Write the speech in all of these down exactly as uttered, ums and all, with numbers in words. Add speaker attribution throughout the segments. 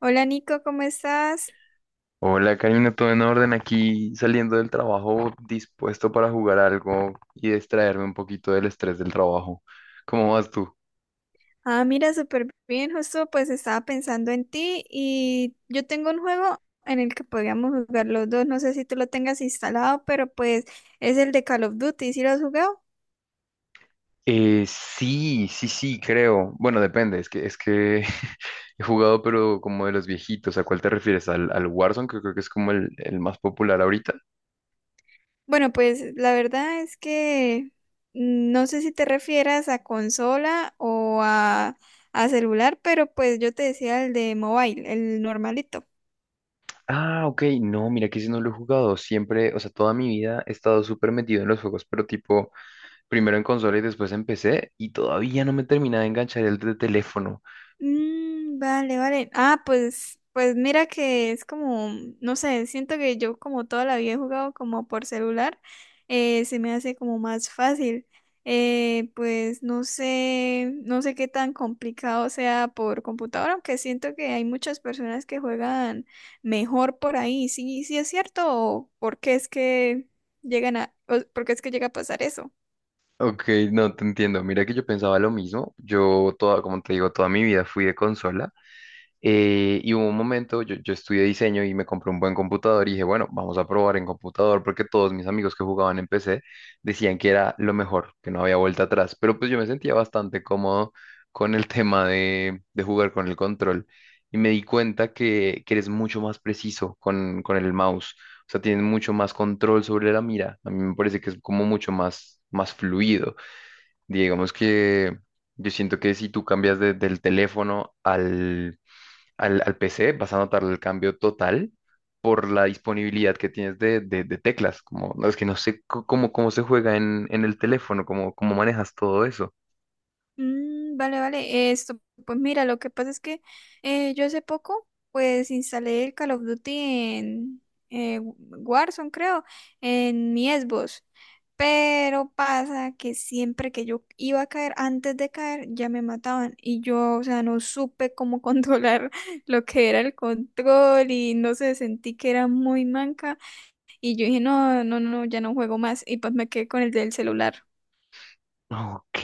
Speaker 1: Hola Nico, ¿cómo estás?
Speaker 2: Hola Karina, todo en orden aquí saliendo del trabajo, dispuesto para jugar algo y distraerme un poquito del estrés del trabajo. ¿Cómo vas tú?
Speaker 1: Ah, mira, súper bien, justo pues estaba pensando en ti y yo tengo un juego en el que podríamos jugar los dos, no sé si tú lo tengas instalado, pero pues es el de Call of Duty, ¿sí lo has jugado?
Speaker 2: Eh, sí, sí, sí, creo. Bueno, depende, es que, es que he jugado, pero como de los viejitos. ¿A cuál te refieres? ¿Al, al Warzone, que creo que es como el, el más popular ahorita?
Speaker 1: Bueno, pues la verdad es que no sé si te refieras a consola o a, a celular, pero pues yo te decía el de mobile, el normalito.
Speaker 2: Ah, ok, no, mira que ese no lo he jugado. Siempre, o sea, toda mi vida he estado súper metido en los juegos, pero tipo, primero en consola y después en P C, y todavía no me termina de enganchar el de teléfono.
Speaker 1: Mm, vale, vale. Ah, pues, pues mira que es como, no sé, siento que yo como toda la vida he jugado como por celular, eh, se me hace como más fácil. Eh, pues no sé, no sé qué tan complicado sea por computadora, aunque siento que hay muchas personas que juegan mejor por ahí. Sí, sí es cierto. ¿O por qué es que llegan a, o por qué es que llega a pasar eso?
Speaker 2: Ok, no te entiendo. Mira que yo pensaba lo mismo. Yo toda, como te digo, toda mi vida fui de consola. eh, y hubo un momento, yo, yo estudié diseño y me compré un buen computador y dije, bueno, vamos a probar en computador porque todos mis amigos que jugaban en P C decían que era lo mejor, que no había vuelta atrás. Pero pues yo me sentía bastante cómodo con el tema de, de jugar con el control. Y me di cuenta que, que eres mucho más preciso con, con el mouse. O sea, tienes mucho más control sobre la mira. A mí me parece que es como mucho más, más fluido. Digamos que yo siento que si tú cambias de- del teléfono al, al, al P C, vas a notar el cambio total por la disponibilidad que tienes de, de- de teclas. Como, no, es que no sé c- cómo, cómo se juega en, en el teléfono, cómo, cómo manejas todo eso.
Speaker 1: Mm, vale, vale. Esto, pues mira, lo que pasa es que eh, yo hace poco, pues instalé el Call of Duty en eh, Warzone, creo, en mi Xbox. Pero pasa que siempre que yo iba a caer, antes de caer, ya me mataban. Y yo, o sea, no supe cómo controlar lo que era el control y no sé, sentí que era muy manca. Y yo dije, no, no, no, ya no juego más. Y pues me quedé con el del celular.
Speaker 2: Ok,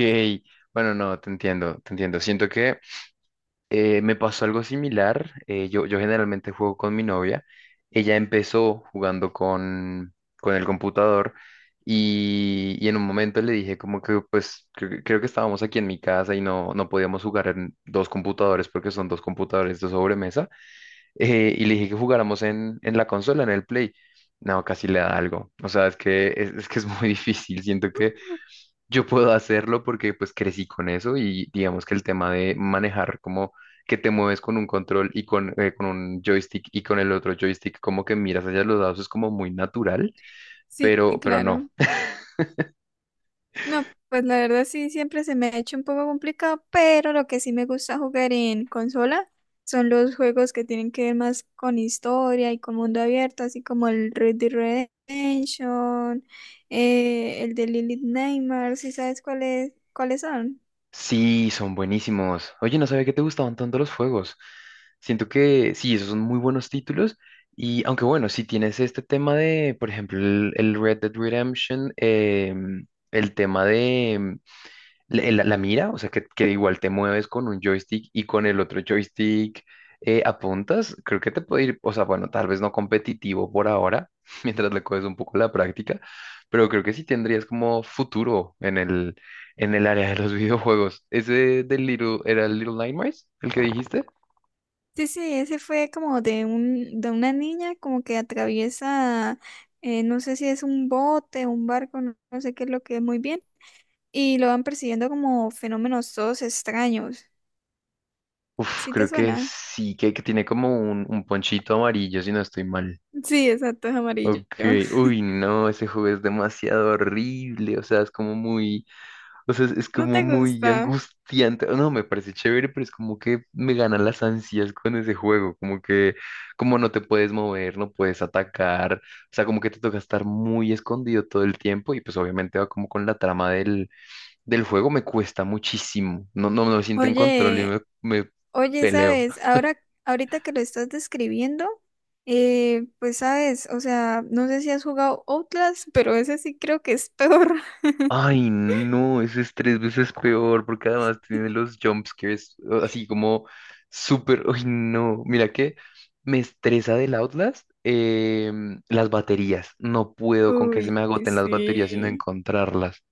Speaker 2: bueno, no, te entiendo, te entiendo. Siento que Eh, me pasó algo similar. eh, yo, yo generalmente juego con mi novia. Ella empezó jugando con, con el computador y, y en un momento le dije como que pues cre- creo que estábamos aquí en mi casa y no, no podíamos jugar en dos computadores porque son dos computadores de sobremesa. eh, y le dije que jugáramos en, en la consola, en el Play. No, casi le da algo. O sea, es que es, es que es muy difícil. Siento que yo puedo hacerlo porque pues crecí con eso y digamos que el tema de manejar como que te mueves con un control y con, eh, con un joystick y con el otro joystick como que miras hacia los dados es como muy natural,
Speaker 1: Sí,
Speaker 2: pero, pero no.
Speaker 1: claro. No, pues la verdad sí, siempre se me ha hecho un poco complicado, pero lo que sí me gusta jugar en consola son los juegos que tienen que ver más con historia y con mundo abierto, así como el Red Dead Redemption, eh, el de Lilith Nightmares. ¿Sí sabes cuáles cuáles son?
Speaker 2: Sí, son buenísimos. Oye, no sabía que te gustaban tanto los juegos. Siento que sí, esos son muy buenos títulos y aunque bueno, si tienes este tema de, por ejemplo, el, el Red Dead Redemption, em, el tema de, le- La, la mira, o sea que, que igual te mueves con un joystick y con el otro joystick eh, apuntas, creo que te puede ir, o sea, bueno, tal vez no competitivo por ahora, mientras le coges un poco la práctica, pero creo que sí tendrías como futuro en el, en el área de los videojuegos. ¿Ese del Little, era el Little Nightmares, el que dijiste?
Speaker 1: Sí, sí, ese fue como de un, de una niña como que atraviesa, eh, no sé si es un bote, un barco, no no sé qué es lo que es muy bien, y lo van persiguiendo como fenómenos todos extraños.
Speaker 2: Uf,
Speaker 1: ¿Sí te
Speaker 2: creo que
Speaker 1: suena?
Speaker 2: sí, que, que tiene como un, un ponchito amarillo, si no estoy mal.
Speaker 1: Sí, exacto, es amarillo.
Speaker 2: Ok, uy, no, ese juego es demasiado horrible, o sea, es como muy. O sea, es, es
Speaker 1: No
Speaker 2: como
Speaker 1: te
Speaker 2: muy
Speaker 1: gusta.
Speaker 2: angustiante. No, me parece chévere, pero es como que me ganan las ansias con ese juego. Como que, como no te puedes mover, no puedes atacar. O sea, como que te toca estar muy escondido todo el tiempo. Y pues obviamente va como con la trama del, del juego. Me cuesta muchísimo. No, no, no me siento en control y
Speaker 1: Oye,
Speaker 2: me, me
Speaker 1: oye,
Speaker 2: peleo.
Speaker 1: sabes, ahora, ahorita que lo estás describiendo, eh, pues sabes, o sea, no sé si has jugado Outlast, pero ese sí creo que es peor.
Speaker 2: Ay, no, ese es tres veces peor porque además tiene los jumpscares o- así como súper. Ay, no, mira que me estresa del Outlast em, las baterías. No puedo con que se
Speaker 1: Uy,
Speaker 2: me agoten las baterías y no
Speaker 1: sí.
Speaker 2: encontrarlas.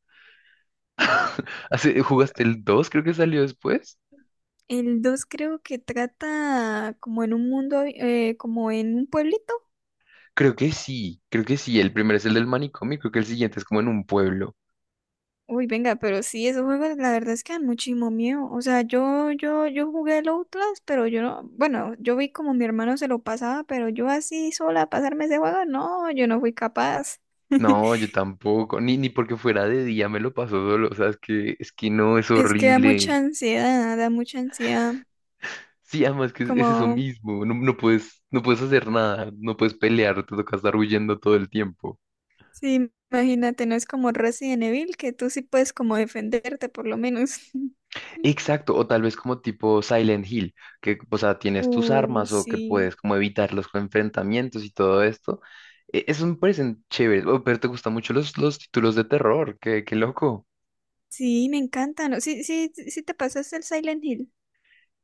Speaker 2: Hace- ¿Jugaste el dos? Creo que salió después.
Speaker 1: El dos creo que trata como en un mundo, eh, como en un pueblito.
Speaker 2: Creo que sí, creo que sí. El primero es el del manicomio, y creo que el siguiente es como en un pueblo.
Speaker 1: Uy, venga, pero sí, esos juegos la verdad es que dan muchísimo miedo. O sea, yo, yo, yo jugué el Outlast, pero yo no, bueno, yo vi como mi hermano se lo pasaba, pero yo así sola pasarme ese juego, no, yo no fui capaz.
Speaker 2: No, yo tampoco, ni, ni porque fuera de día me lo paso solo, o sea, es que, es que no, es
Speaker 1: Es que da
Speaker 2: horrible.
Speaker 1: mucha ansiedad, da mucha ansiedad.
Speaker 2: Sí, además que es, es eso
Speaker 1: Como,
Speaker 2: mismo, no, no puedes, no puedes hacer nada, no puedes pelear, te toca estar huyendo todo el tiempo.
Speaker 1: sí, imagínate, no es como Resident Evil, que tú sí puedes como defenderte por lo menos.
Speaker 2: Exacto, o tal vez como tipo Silent Hill, que, o sea, tienes tus
Speaker 1: Uy,
Speaker 2: armas o que
Speaker 1: sí,
Speaker 2: puedes como evitar los enfrentamientos y todo esto. E- Eso me parecen chéveres, oh, pero te gustan mucho los, los títulos de terror, qué, qué loco.
Speaker 1: sí, me encantan. Sí, sí, sí sí te pasaste el Silent Hill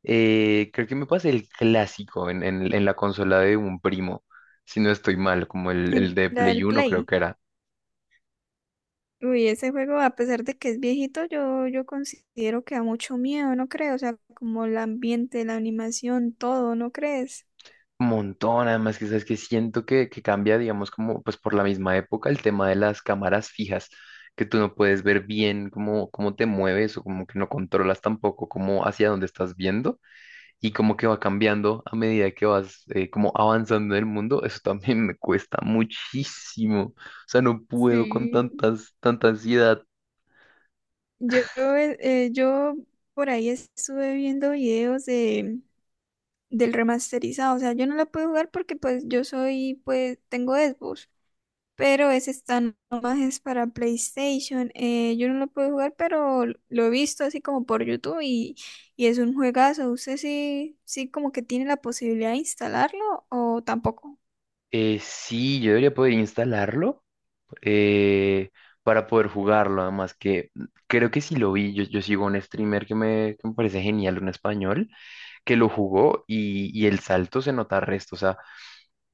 Speaker 2: Eh, creo que me pasé el clásico en, en, en la consola de un primo, si no estoy mal, como el,
Speaker 1: en
Speaker 2: el de
Speaker 1: la
Speaker 2: Play
Speaker 1: del
Speaker 2: uno creo
Speaker 1: Play.
Speaker 2: que era.
Speaker 1: Uy, ese juego, a pesar de que es viejito, yo, yo considero que da mucho miedo, ¿no crees? O sea, como el ambiente, la animación, todo, ¿no crees?
Speaker 2: Un montón, además que sabes que siento que, que cambia, digamos, como pues por la misma época el tema de las cámaras fijas, que tú no puedes ver bien cómo, cómo te mueves o como que no controlas tampoco cómo hacia dónde estás viendo y como que va cambiando a medida que vas eh, como avanzando en el mundo, eso también me cuesta muchísimo, o sea, no puedo con
Speaker 1: Sí.
Speaker 2: tantas, tanta ansiedad.
Speaker 1: Yo, eh, eh, yo por ahí estuve viendo videos de, del remasterizado, o sea, yo no lo puedo jugar porque pues yo soy, pues tengo Xbox. Pero ese está nomás es para PlayStation. eh, yo no lo puedo jugar, pero lo he visto así como por YouTube y, y es un juegazo. ¿Usted sí, sí como que tiene la posibilidad de instalarlo o tampoco?
Speaker 2: Eh, sí, yo debería poder instalarlo. eh, para poder jugarlo. Además que creo que sí lo vi, yo, yo sigo un streamer que me, que me parece genial, un español, que lo jugó y, y el salto se nota resto. O sea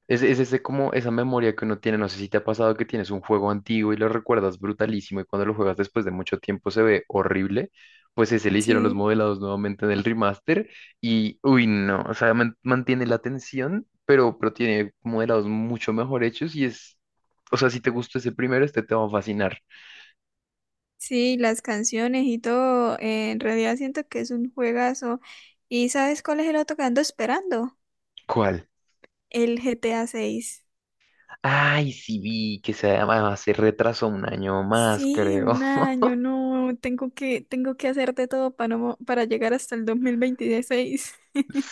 Speaker 2: es, es ese como esa memoria que uno tiene, no sé si te ha pasado que tienes un juego antiguo y lo recuerdas brutalísimo y cuando lo juegas después de mucho tiempo se ve horrible. Pues ese le hicieron los
Speaker 1: Sí,
Speaker 2: modelados nuevamente en el remaster y uy no, o sea, man- mantiene la tensión, pero, pero tiene modelados mucho mejor hechos y es, o sea, si te gustó ese primero, este te va a fascinar.
Speaker 1: sí, las canciones y todo. Eh, en realidad siento que es un juegazo. ¿Y sabes cuál es el otro que ando esperando?
Speaker 2: ¿Cuál?
Speaker 1: El G T A seis.
Speaker 2: Ay, sí vi que se, además se retrasó un año más,
Speaker 1: Sí,
Speaker 2: creo.
Speaker 1: un año, no, tengo que, tengo que hacer de todo para, no- para llegar hasta el dos mil veintiséis.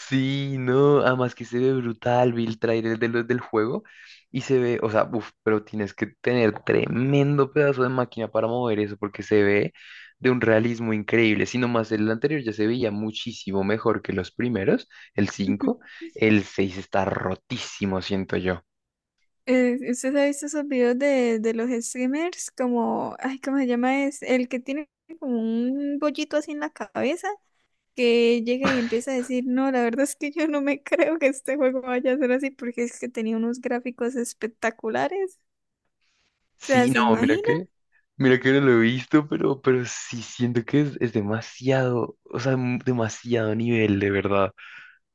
Speaker 2: Sí, no, además que se ve brutal, vi el trailer de los del juego y se ve, o sea, uff, pero tienes que tener tremendo pedazo de máquina para mover eso porque se ve de un realismo increíble. Si nomás el anterior ya se veía muchísimo mejor que los primeros, el cinco, el seis está rotísimo, siento yo.
Speaker 1: Eh, ¿usted ha visto esos videos de, de los streamers? Como, ay, ¿cómo se llama? Es el que tiene como un bollito así en la cabeza, que llega y empieza a decir, no, la verdad es que yo no me creo que este juego vaya a ser así, porque es que tenía unos gráficos espectaculares. O sea,
Speaker 2: Sí,
Speaker 1: ¿se
Speaker 2: no, mira
Speaker 1: imagina?
Speaker 2: que, mira que no lo he visto, pero, pero sí siento que es, es demasiado, o sea, m- demasiado nivel, de verdad.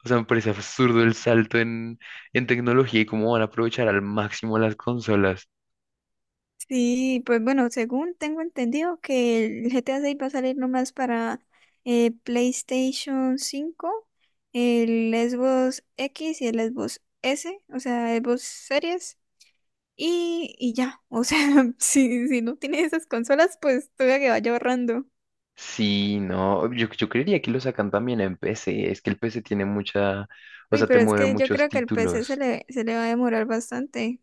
Speaker 2: O sea, me parece absurdo el salto en, en tecnología y cómo van a aprovechar al máximo las consolas.
Speaker 1: Sí, pues bueno, según tengo entendido que el G T A seis va a salir nomás para eh, PlayStation cinco, el Xbox X y el Xbox S, o sea, Xbox Series. Y, y ya, o sea, si, si no tienes esas consolas, pues tuve que vaya ahorrando.
Speaker 2: Sí, no, yo, yo creería que lo sacan también en P C. Es que el P C tiene mucha, o
Speaker 1: Uy,
Speaker 2: sea, te
Speaker 1: pero es
Speaker 2: mueve
Speaker 1: que yo
Speaker 2: muchos
Speaker 1: creo que el P C se
Speaker 2: títulos.
Speaker 1: le, se le va a demorar bastante.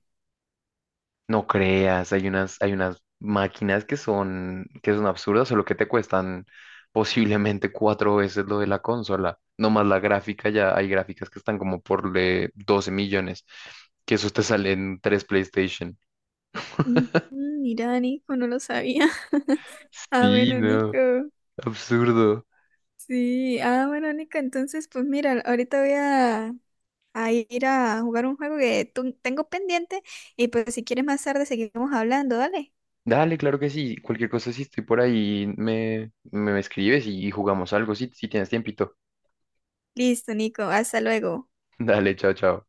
Speaker 2: No creas, hay unas, hay unas máquinas que son, que son absurdas, solo que te cuestan posiblemente cuatro veces lo de la consola. No más la gráfica, ya hay gráficas que están como por eh, doce millones, que esos te salen tres PlayStation.
Speaker 1: Mm, Mira, Nico, no lo sabía. Ah,
Speaker 2: Sí,
Speaker 1: bueno, Nico.
Speaker 2: no, absurdo.
Speaker 1: Sí, ah, bueno, Nico, entonces, pues mira, ahorita voy a, a ir a jugar un juego que tu- tengo pendiente y pues si quieres más tarde seguimos hablando, dale.
Speaker 2: Dale, claro que sí. Cualquier cosa, si estoy por ahí, me, me escribes y, y jugamos algo, si, si tienes tiempito.
Speaker 1: Listo, Nico, hasta luego.
Speaker 2: Dale, chao, chao.